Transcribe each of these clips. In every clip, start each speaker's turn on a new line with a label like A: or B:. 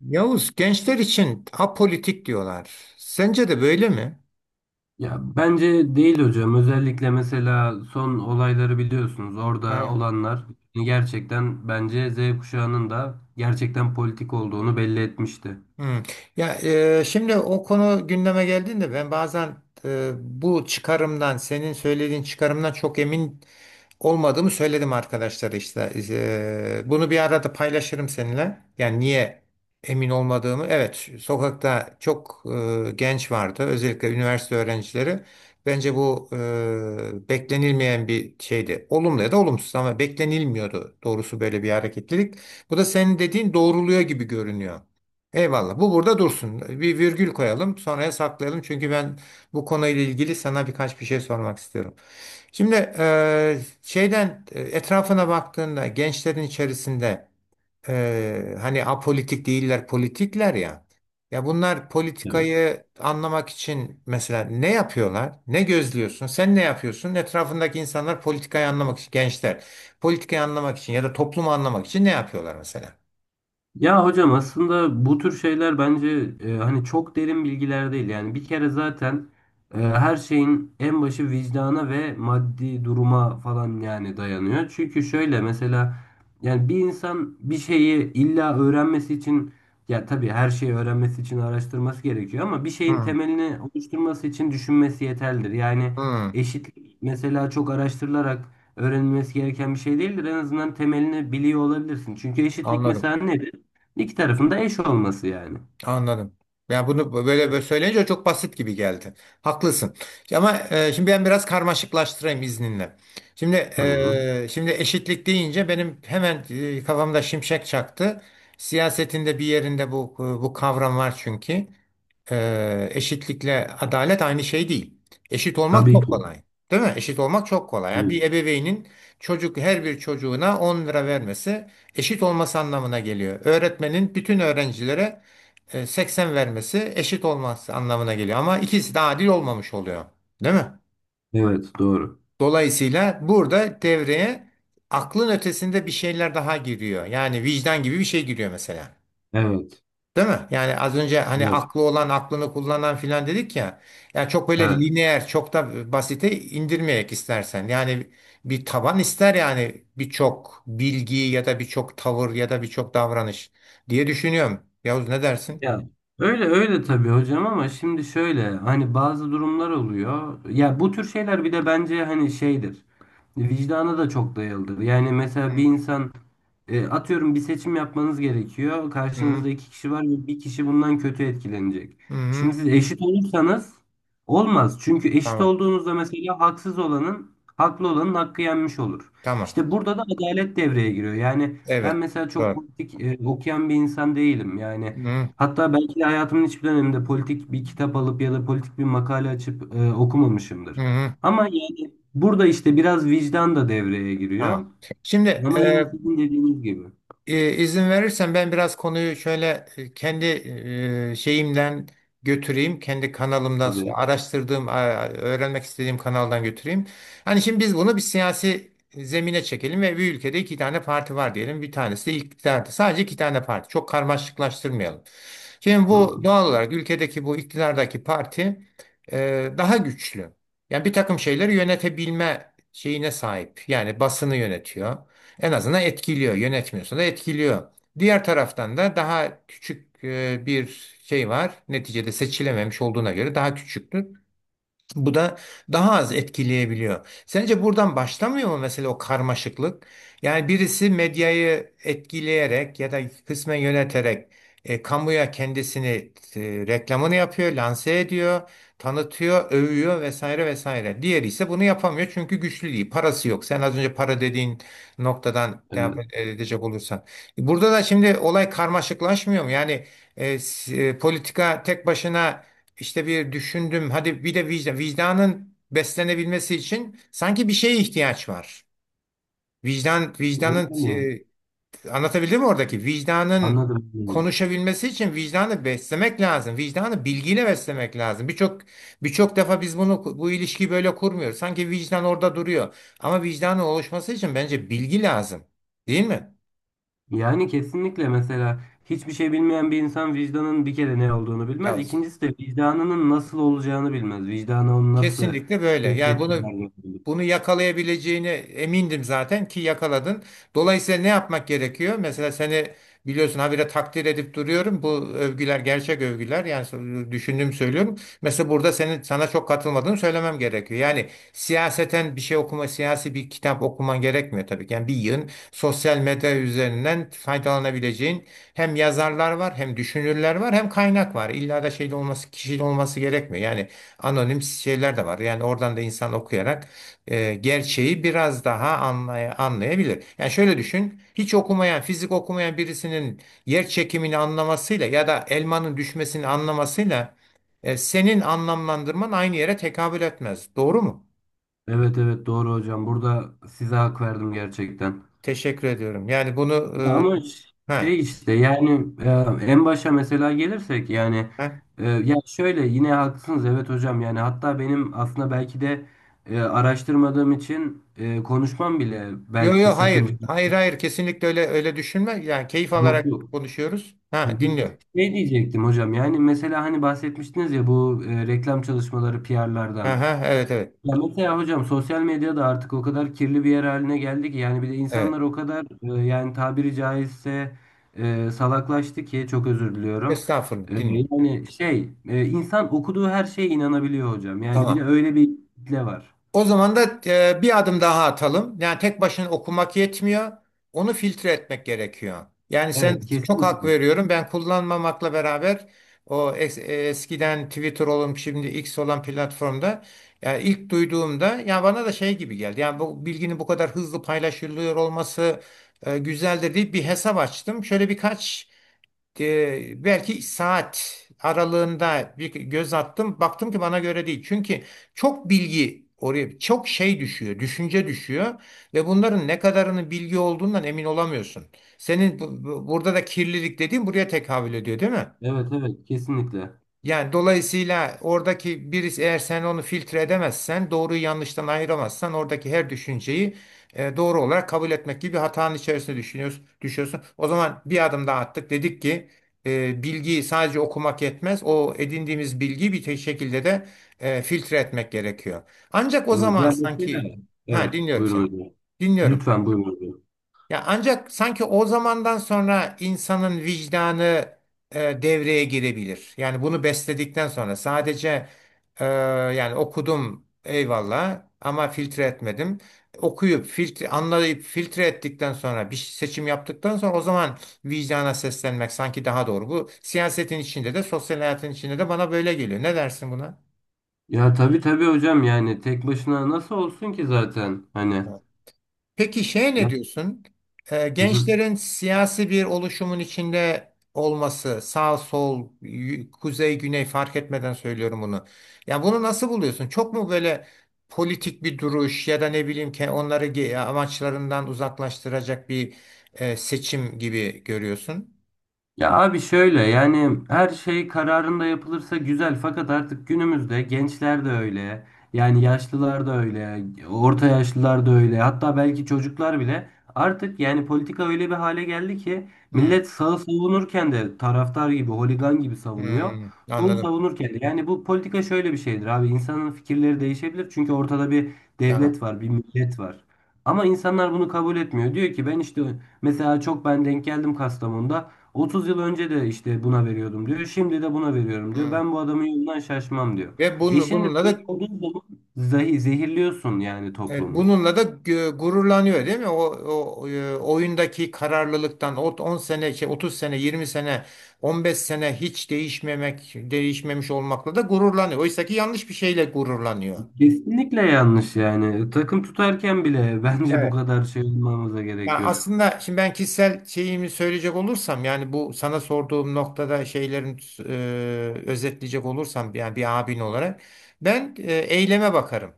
A: Yavuz, gençler için apolitik diyorlar. Sence de böyle mi?
B: Ya bence değil hocam. Özellikle mesela son olayları biliyorsunuz. Orada
A: Ha.
B: olanlar yani gerçekten bence Z kuşağının da gerçekten politik olduğunu belli etmişti.
A: Hmm. Ya şimdi o konu gündeme geldiğinde ben bazen bu çıkarımdan, senin söylediğin çıkarımdan çok emin olmadığımı söyledim arkadaşlara işte. Bunu bir arada paylaşırım seninle. Yani niye emin olmadığımı. Evet, sokakta çok genç vardı. Özellikle üniversite öğrencileri. Bence bu beklenilmeyen bir şeydi. Olumlu ya da olumsuz ama beklenilmiyordu doğrusu böyle bir hareketlilik. Bu da senin dediğin doğruluyor gibi görünüyor. Eyvallah. Bu burada dursun. Bir virgül koyalım, sonraya saklayalım. Çünkü ben bu konuyla ilgili sana birkaç bir şey sormak istiyorum. Şimdi şeyden etrafına baktığında gençlerin içerisinde hani apolitik değiller politikler ya. Ya bunlar politikayı anlamak için mesela ne yapıyorlar? Ne gözlüyorsun? Sen ne yapıyorsun? Etrafındaki insanlar politikayı anlamak için gençler politikayı anlamak için ya da toplumu anlamak için ne yapıyorlar mesela?
B: Ya hocam aslında bu tür şeyler bence hani çok derin bilgiler değil. Yani bir kere zaten her şeyin en başı vicdana ve maddi duruma falan yani dayanıyor. Çünkü şöyle mesela yani bir insan bir şeyi illa öğrenmesi için ya tabii her şeyi öğrenmesi için araştırması gerekiyor ama bir şeyin
A: Hmm.
B: temelini oluşturması için düşünmesi yeterlidir. Yani
A: Hmm,
B: eşitlik mesela çok araştırılarak öğrenilmesi gereken bir şey değildir. En azından temelini biliyor olabilirsin. Çünkü eşitlik
A: anladım.
B: mesela ne? İki tarafında eş olması yani.
A: Anladım. Yani bunu böyle, böyle söyleyince çok basit gibi geldi. Haklısın. Ama şimdi ben biraz karmaşıklaştırayım izninle. Şimdi
B: Tamam.
A: e, şimdi eşitlik deyince benim hemen kafamda şimşek çaktı. Siyasetinde bir yerinde bu kavram var çünkü. Eşitlikle adalet aynı şey değil. Eşit olmak
B: Tabii
A: çok
B: ki.
A: kolay. Değil mi? Eşit olmak çok kolay. Yani
B: Tabii
A: bir
B: ki.
A: ebeveynin her bir çocuğuna 10 lira vermesi eşit olması anlamına geliyor. Öğretmenin bütün öğrencilere 80 vermesi eşit olmaz anlamına geliyor. Ama ikisi de adil olmamış oluyor. Değil mi?
B: Evet, doğru.
A: Dolayısıyla burada devreye aklın ötesinde bir şeyler daha giriyor. Yani vicdan gibi bir şey giriyor mesela.
B: Evet.
A: Değil mi? Yani az önce hani
B: Evet.
A: aklı olan aklını kullanan filan dedik ya. Yani çok böyle
B: Evet.
A: lineer, çok da basite indirmeyerek istersen. Yani bir taban ister yani birçok bilgi ya da birçok tavır ya da birçok davranış diye düşünüyorum. Yavuz, ne dersin?
B: Ya öyle öyle tabii hocam ama şimdi şöyle hani bazı durumlar oluyor. Ya bu tür şeyler bir de bence hani şeydir. Vicdana da çok dayalıdır. Yani mesela bir
A: Hı
B: insan atıyorum bir seçim yapmanız gerekiyor.
A: hı.
B: Karşınızda iki kişi var ve bir kişi bundan kötü etkilenecek.
A: Hı hı.
B: Şimdi siz eşit olursanız olmaz. Çünkü eşit
A: Tamam.
B: olduğunuzda mesela haksız olanın haklı olanın hakkı yenmiş olur.
A: Tamam.
B: İşte burada da adalet devreye giriyor. Yani ben
A: Evet.
B: mesela çok
A: Doğru.
B: politik okuyan bir insan değilim. Yani
A: Hı
B: hatta belki de hayatımın hiçbir döneminde politik bir kitap alıp ya da politik bir makale açıp okumamışımdır.
A: hı.
B: Ama yani burada işte biraz vicdan da devreye giriyor.
A: Tamam. Şimdi
B: Ama yine
A: e,
B: sizin dediğiniz gibi.
A: izin verirsen ben biraz konuyu şöyle kendi şeyimden götüreyim. Kendi kanalımdan
B: Tabii.
A: araştırdığım, öğrenmek istediğim kanaldan götüreyim. Hani şimdi biz bunu bir siyasi zemine çekelim ve bir ülkede iki tane parti var diyelim. Bir tanesi de iktidarda. Sadece iki tane parti. Çok karmaşıklaştırmayalım. Şimdi bu
B: Tamam.
A: doğal olarak ülkedeki bu iktidardaki parti daha güçlü. Yani bir takım şeyleri yönetebilme şeyine sahip. Yani basını yönetiyor. En azından etkiliyor. Yönetmiyorsa da etkiliyor. Diğer taraftan da daha küçük bir şey var. Neticede seçilememiş olduğuna göre daha küçüktür. Bu da daha az etkileyebiliyor. Sence buradan başlamıyor mu mesela o karmaşıklık? Yani birisi medyayı etkileyerek ya da kısmen yöneterek kamuya kendisini e, reklamını yapıyor, lanse ediyor, tanıtıyor, övüyor vesaire vesaire. Diğeri ise bunu yapamıyor çünkü güçlü değil, parası yok. Sen az önce para dediğin noktadan devam
B: Evet.
A: edecek olursan. Burada da şimdi olay karmaşıklaşmıyor mu? Yani politika tek başına işte bir düşündüm. Hadi bir de vicdan, vicdanın beslenebilmesi için sanki bir şeye ihtiyaç var. Vicdan, vicdanın
B: Yani,
A: e, Anlatabildim mi oradaki? Vicdanın
B: anladım.
A: konuşabilmesi için vicdanı beslemek lazım. Vicdanı bilgiyle beslemek lazım. Birçok defa biz bunu bu ilişkiyi böyle kurmuyoruz. Sanki vicdan orada duruyor. Ama vicdanın oluşması için bence bilgi lazım. Değil mi?
B: Yani kesinlikle mesela hiçbir şey bilmeyen bir insan vicdanın bir kere ne olduğunu bilmez.
A: Evet.
B: İkincisi de vicdanının nasıl olacağını bilmez. Vicdana onu nasıl
A: Kesinlikle böyle. Yani
B: tepkiler
A: bunu
B: verdiğini.
A: bunu yakalayabileceğine emindim zaten ki yakaladın. Dolayısıyla ne yapmak gerekiyor? Mesela seni biliyorsun habire takdir edip duruyorum. Bu övgüler gerçek övgüler. Yani düşündüğümü söylüyorum. Mesela burada senin sana çok katılmadığını söylemem gerekiyor. Yani siyaseten bir şey okuma, siyasi bir kitap okuman gerekmiyor tabii ki. Yani bir yığın sosyal medya üzerinden faydalanabileceğin hem yazarlar var, hem düşünürler var, hem kaynak var. İlla da şeyde olması, kişiyle olması gerekmiyor. Yani anonim şeyler de var. Yani oradan da insan okuyarak gerçeği biraz daha anlayabilir. Yani şöyle düşün, hiç okumayan, fizik okumayan birisinin yer çekimini anlamasıyla ya da elmanın düşmesini anlamasıyla senin anlamlandırman aynı yere tekabül etmez. Doğru mu?
B: Evet evet doğru hocam. Burada size hak verdim gerçekten.
A: Teşekkür ediyorum. Yani bunu
B: Ya ama
A: ha,
B: şey işte yani en başa mesela gelirsek yani
A: ha.
B: ya şöyle yine haklısınız evet hocam yani hatta benim aslında belki de araştırmadığım için konuşmam bile
A: Yo
B: belki
A: yo,
B: sakınca
A: hayır. Hayır hayır, kesinlikle öyle öyle düşünme. Yani keyif alarak
B: yoktu.
A: konuşuyoruz.
B: Hı
A: Ha,
B: hı.
A: dinliyorum.
B: Şey diyecektim hocam yani mesela hani bahsetmiştiniz ya bu reklam çalışmaları PR'lardan.
A: Aha, evet evet.
B: Ya mesela hocam sosyal medya da artık o kadar kirli bir yer haline geldi ki yani bir de
A: Evet.
B: insanlar o kadar yani tabiri caizse salaklaştı ki çok özür diliyorum.
A: Estağfurullah, dinliyorum.
B: Yani insan okuduğu her şeye inanabiliyor hocam. Yani bir de
A: Tamam.
B: öyle bir kitle var.
A: O zaman da bir adım daha atalım. Yani tek başına okumak yetmiyor. Onu filtre etmek gerekiyor. Yani sen,
B: Evet
A: çok hak
B: kesinlikle.
A: veriyorum. Ben kullanmamakla beraber o eskiden Twitter olup şimdi X olan platformda yani ilk duyduğumda yani bana da şey gibi geldi. Yani bu bilginin bu kadar hızlı paylaşılıyor olması güzeldir deyip bir hesap açtım. Şöyle birkaç belki saat aralığında bir göz attım. Baktım ki bana göre değil. Çünkü çok bilgi oraya çok şey düşüyor, düşünce düşüyor ve bunların ne kadarının bilgi olduğundan emin olamıyorsun. Senin burada da kirlilik dediğin buraya tekabül ediyor, değil mi?
B: Evet evet kesinlikle.
A: Yani dolayısıyla oradaki birisi eğer sen onu filtre edemezsen, doğruyu yanlıştan ayıramazsan oradaki her düşünceyi doğru olarak kabul etmek gibi bir hatanın içerisine düşünüyorsun, düşüyorsun. O zaman bir adım daha attık. Dedik ki bilgiyi sadece okumak yetmez. O edindiğimiz bilgiyi bir şekilde de filtre etmek gerekiyor. Ancak o
B: Evet
A: zaman
B: yani mesela
A: sanki ha,
B: evet
A: dinliyorum
B: buyurun
A: seni.
B: hocam.
A: Dinliyorum.
B: Lütfen buyurun hocam.
A: Ya, ancak sanki o zamandan sonra insanın vicdanı devreye girebilir. Yani bunu besledikten sonra sadece e, yani okudum eyvallah ama filtre etmedim. Okuyup filtre anlayıp filtre ettikten sonra bir seçim yaptıktan sonra o zaman vicdana seslenmek sanki daha doğru. Bu siyasetin içinde de sosyal hayatın içinde de bana böyle geliyor. Ne dersin buna?
B: Ya tabii tabii hocam yani tek başına nasıl olsun ki zaten hani
A: Peki, ne
B: ya.
A: diyorsun?
B: Hı hı.
A: Gençlerin siyasi bir oluşumun içinde olması, sağ sol, kuzey güney fark etmeden söylüyorum bunu. Ya bunu nasıl buluyorsun? Çok mu böyle politik bir duruş ya da ne bileyim ki onları amaçlarından uzaklaştıracak bir seçim gibi görüyorsun?
B: Ya abi şöyle yani her şey kararında yapılırsa güzel fakat artık günümüzde gençler de öyle yani yaşlılar da öyle orta yaşlılar da öyle hatta belki çocuklar bile artık yani politika öyle bir hale geldi ki
A: Hmm,
B: millet sağı savunurken de taraftar gibi holigan gibi savunuyor
A: hmm,
B: solu
A: anladım.
B: savunurken de yani bu politika şöyle bir şeydir abi insanın fikirleri değişebilir çünkü ortada bir
A: Tamam.
B: devlet var bir millet var. Ama insanlar bunu kabul etmiyor. Diyor ki ben işte mesela çok ben denk geldim Kastamonu'da. 30 yıl önce de işte buna veriyordum diyor. Şimdi de buna veriyorum diyor.
A: Hmm.
B: Ben bu adamın yolundan şaşmam diyor.
A: Ve
B: E
A: bunu
B: şimdi
A: bununla
B: böyle
A: da.
B: olduğu zaman zehirliyorsun yani
A: Evet,
B: toplumu.
A: bununla da gururlanıyor, değil mi? O oyundaki kararlılıktan, o 10 sene, 30 sene, 20 sene, 15 sene hiç değişmemek, değişmemiş olmakla da gururlanıyor. Oysa ki yanlış bir şeyle gururlanıyor.
B: Kesinlikle yanlış yani. Takım tutarken bile bence bu
A: Evet.
B: kadar şey olmamıza gerek
A: Ya
B: yok.
A: aslında şimdi ben kişisel şeyimi söyleyecek olursam yani bu sana sorduğum noktada özetleyecek olursam yani bir abin olarak ben eyleme bakarım.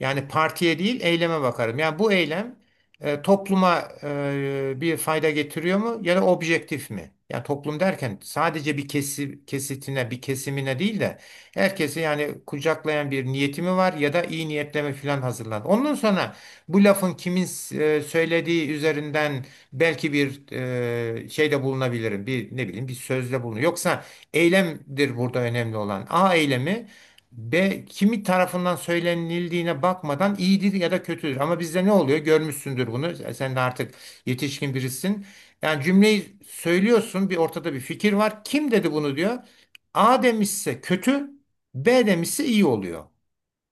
A: Yani partiye değil eyleme bakarım. Yani bu eylem topluma bir fayda getiriyor mu ya da objektif mi? Yani toplum derken sadece bir kesitine, bir kesimine değil de herkesi yani kucaklayan bir niyeti mi var ya da iyi niyetleme falan hazırlan. Ondan sonra bu lafın kimin söylediği üzerinden belki bir şeyde bulunabilirim. Bir ne bileyim bir sözde bulunur. Yoksa eylemdir burada önemli olan. A eylemi B kimi tarafından söylenildiğine bakmadan iyidir ya da kötüdür. Ama bizde ne oluyor? Görmüşsündür bunu. Sen de artık yetişkin birisin. Yani cümleyi söylüyorsun, bir ortada bir fikir var. Kim dedi bunu, diyor. A demişse kötü, B demişse iyi oluyor.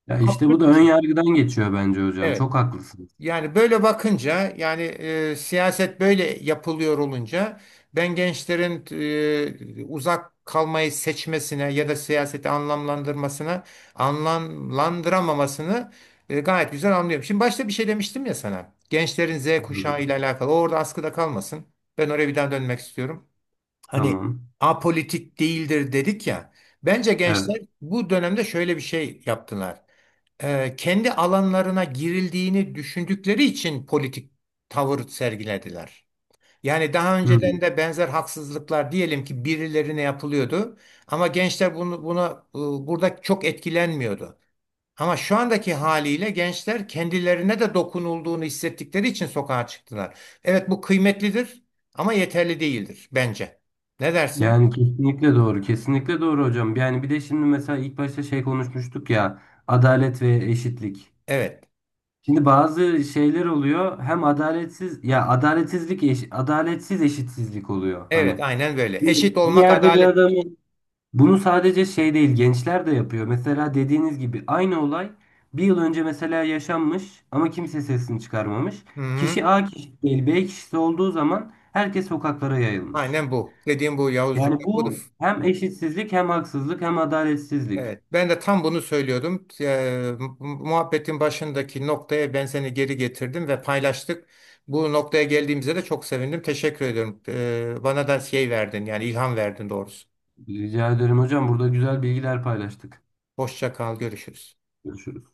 B: Ya işte bu
A: Absürt
B: da
A: bir
B: ön
A: şey.
B: yargıdan geçiyor bence hocam.
A: Evet.
B: Çok haklısınız.
A: Yani böyle bakınca yani siyaset böyle yapılıyor olunca ben gençlerin uzak kalmayı seçmesine ya da siyaseti anlamlandırmasına anlamlandıramamasını gayet güzel anlıyorum. Şimdi başta bir şey demiştim ya sana. Gençlerin Z kuşağı ile alakalı. O orada askıda kalmasın. Ben oraya bir daha dönmek istiyorum. Hani
B: Tamam.
A: apolitik değildir dedik ya. Bence
B: Evet.
A: gençler bu dönemde şöyle bir şey yaptılar, kendi alanlarına girildiğini düşündükleri için politik tavır sergilediler. Yani daha
B: Hı.
A: önceden de benzer haksızlıklar diyelim ki birilerine yapılıyordu ama gençler bunu buna burada çok etkilenmiyordu. Ama şu andaki haliyle gençler kendilerine de dokunulduğunu hissettikleri için sokağa çıktılar. Evet, bu kıymetlidir ama yeterli değildir bence. Ne dersin?
B: Yani kesinlikle doğru. Kesinlikle doğru hocam. Yani bir de şimdi mesela ilk başta şey konuşmuştuk ya. Adalet ve eşitlik.
A: Evet.
B: Şimdi bazı şeyler oluyor hem adaletsiz ya adaletsizlik adaletsiz eşitsizlik oluyor
A: Evet,
B: hani.
A: aynen böyle.
B: Şimdi
A: Eşit
B: bir
A: olmak
B: yerde bir
A: adalet.
B: adamın bunu sadece şey değil gençler de yapıyor. Mesela dediğiniz gibi aynı olay bir yıl önce mesela yaşanmış ama kimse sesini çıkarmamış.
A: Hı hı.
B: Kişi A kişisi değil B kişisi olduğu zaman herkes sokaklara yayılmış.
A: Aynen bu. Dediğim bu, Yavuzcuğum.
B: Yani
A: Bak,
B: bu hem eşitsizlik hem haksızlık hem adaletsizlik.
A: evet, ben de tam bunu söylüyordum. Muhabbetin başındaki noktaya ben seni geri getirdim ve paylaştık. Bu noktaya geldiğimize de çok sevindim. Teşekkür ediyorum. Bana da şey verdin yani ilham verdin doğrusu.
B: Rica ederim hocam burada güzel bilgiler paylaştık.
A: Hoşça kal, görüşürüz.
B: Görüşürüz.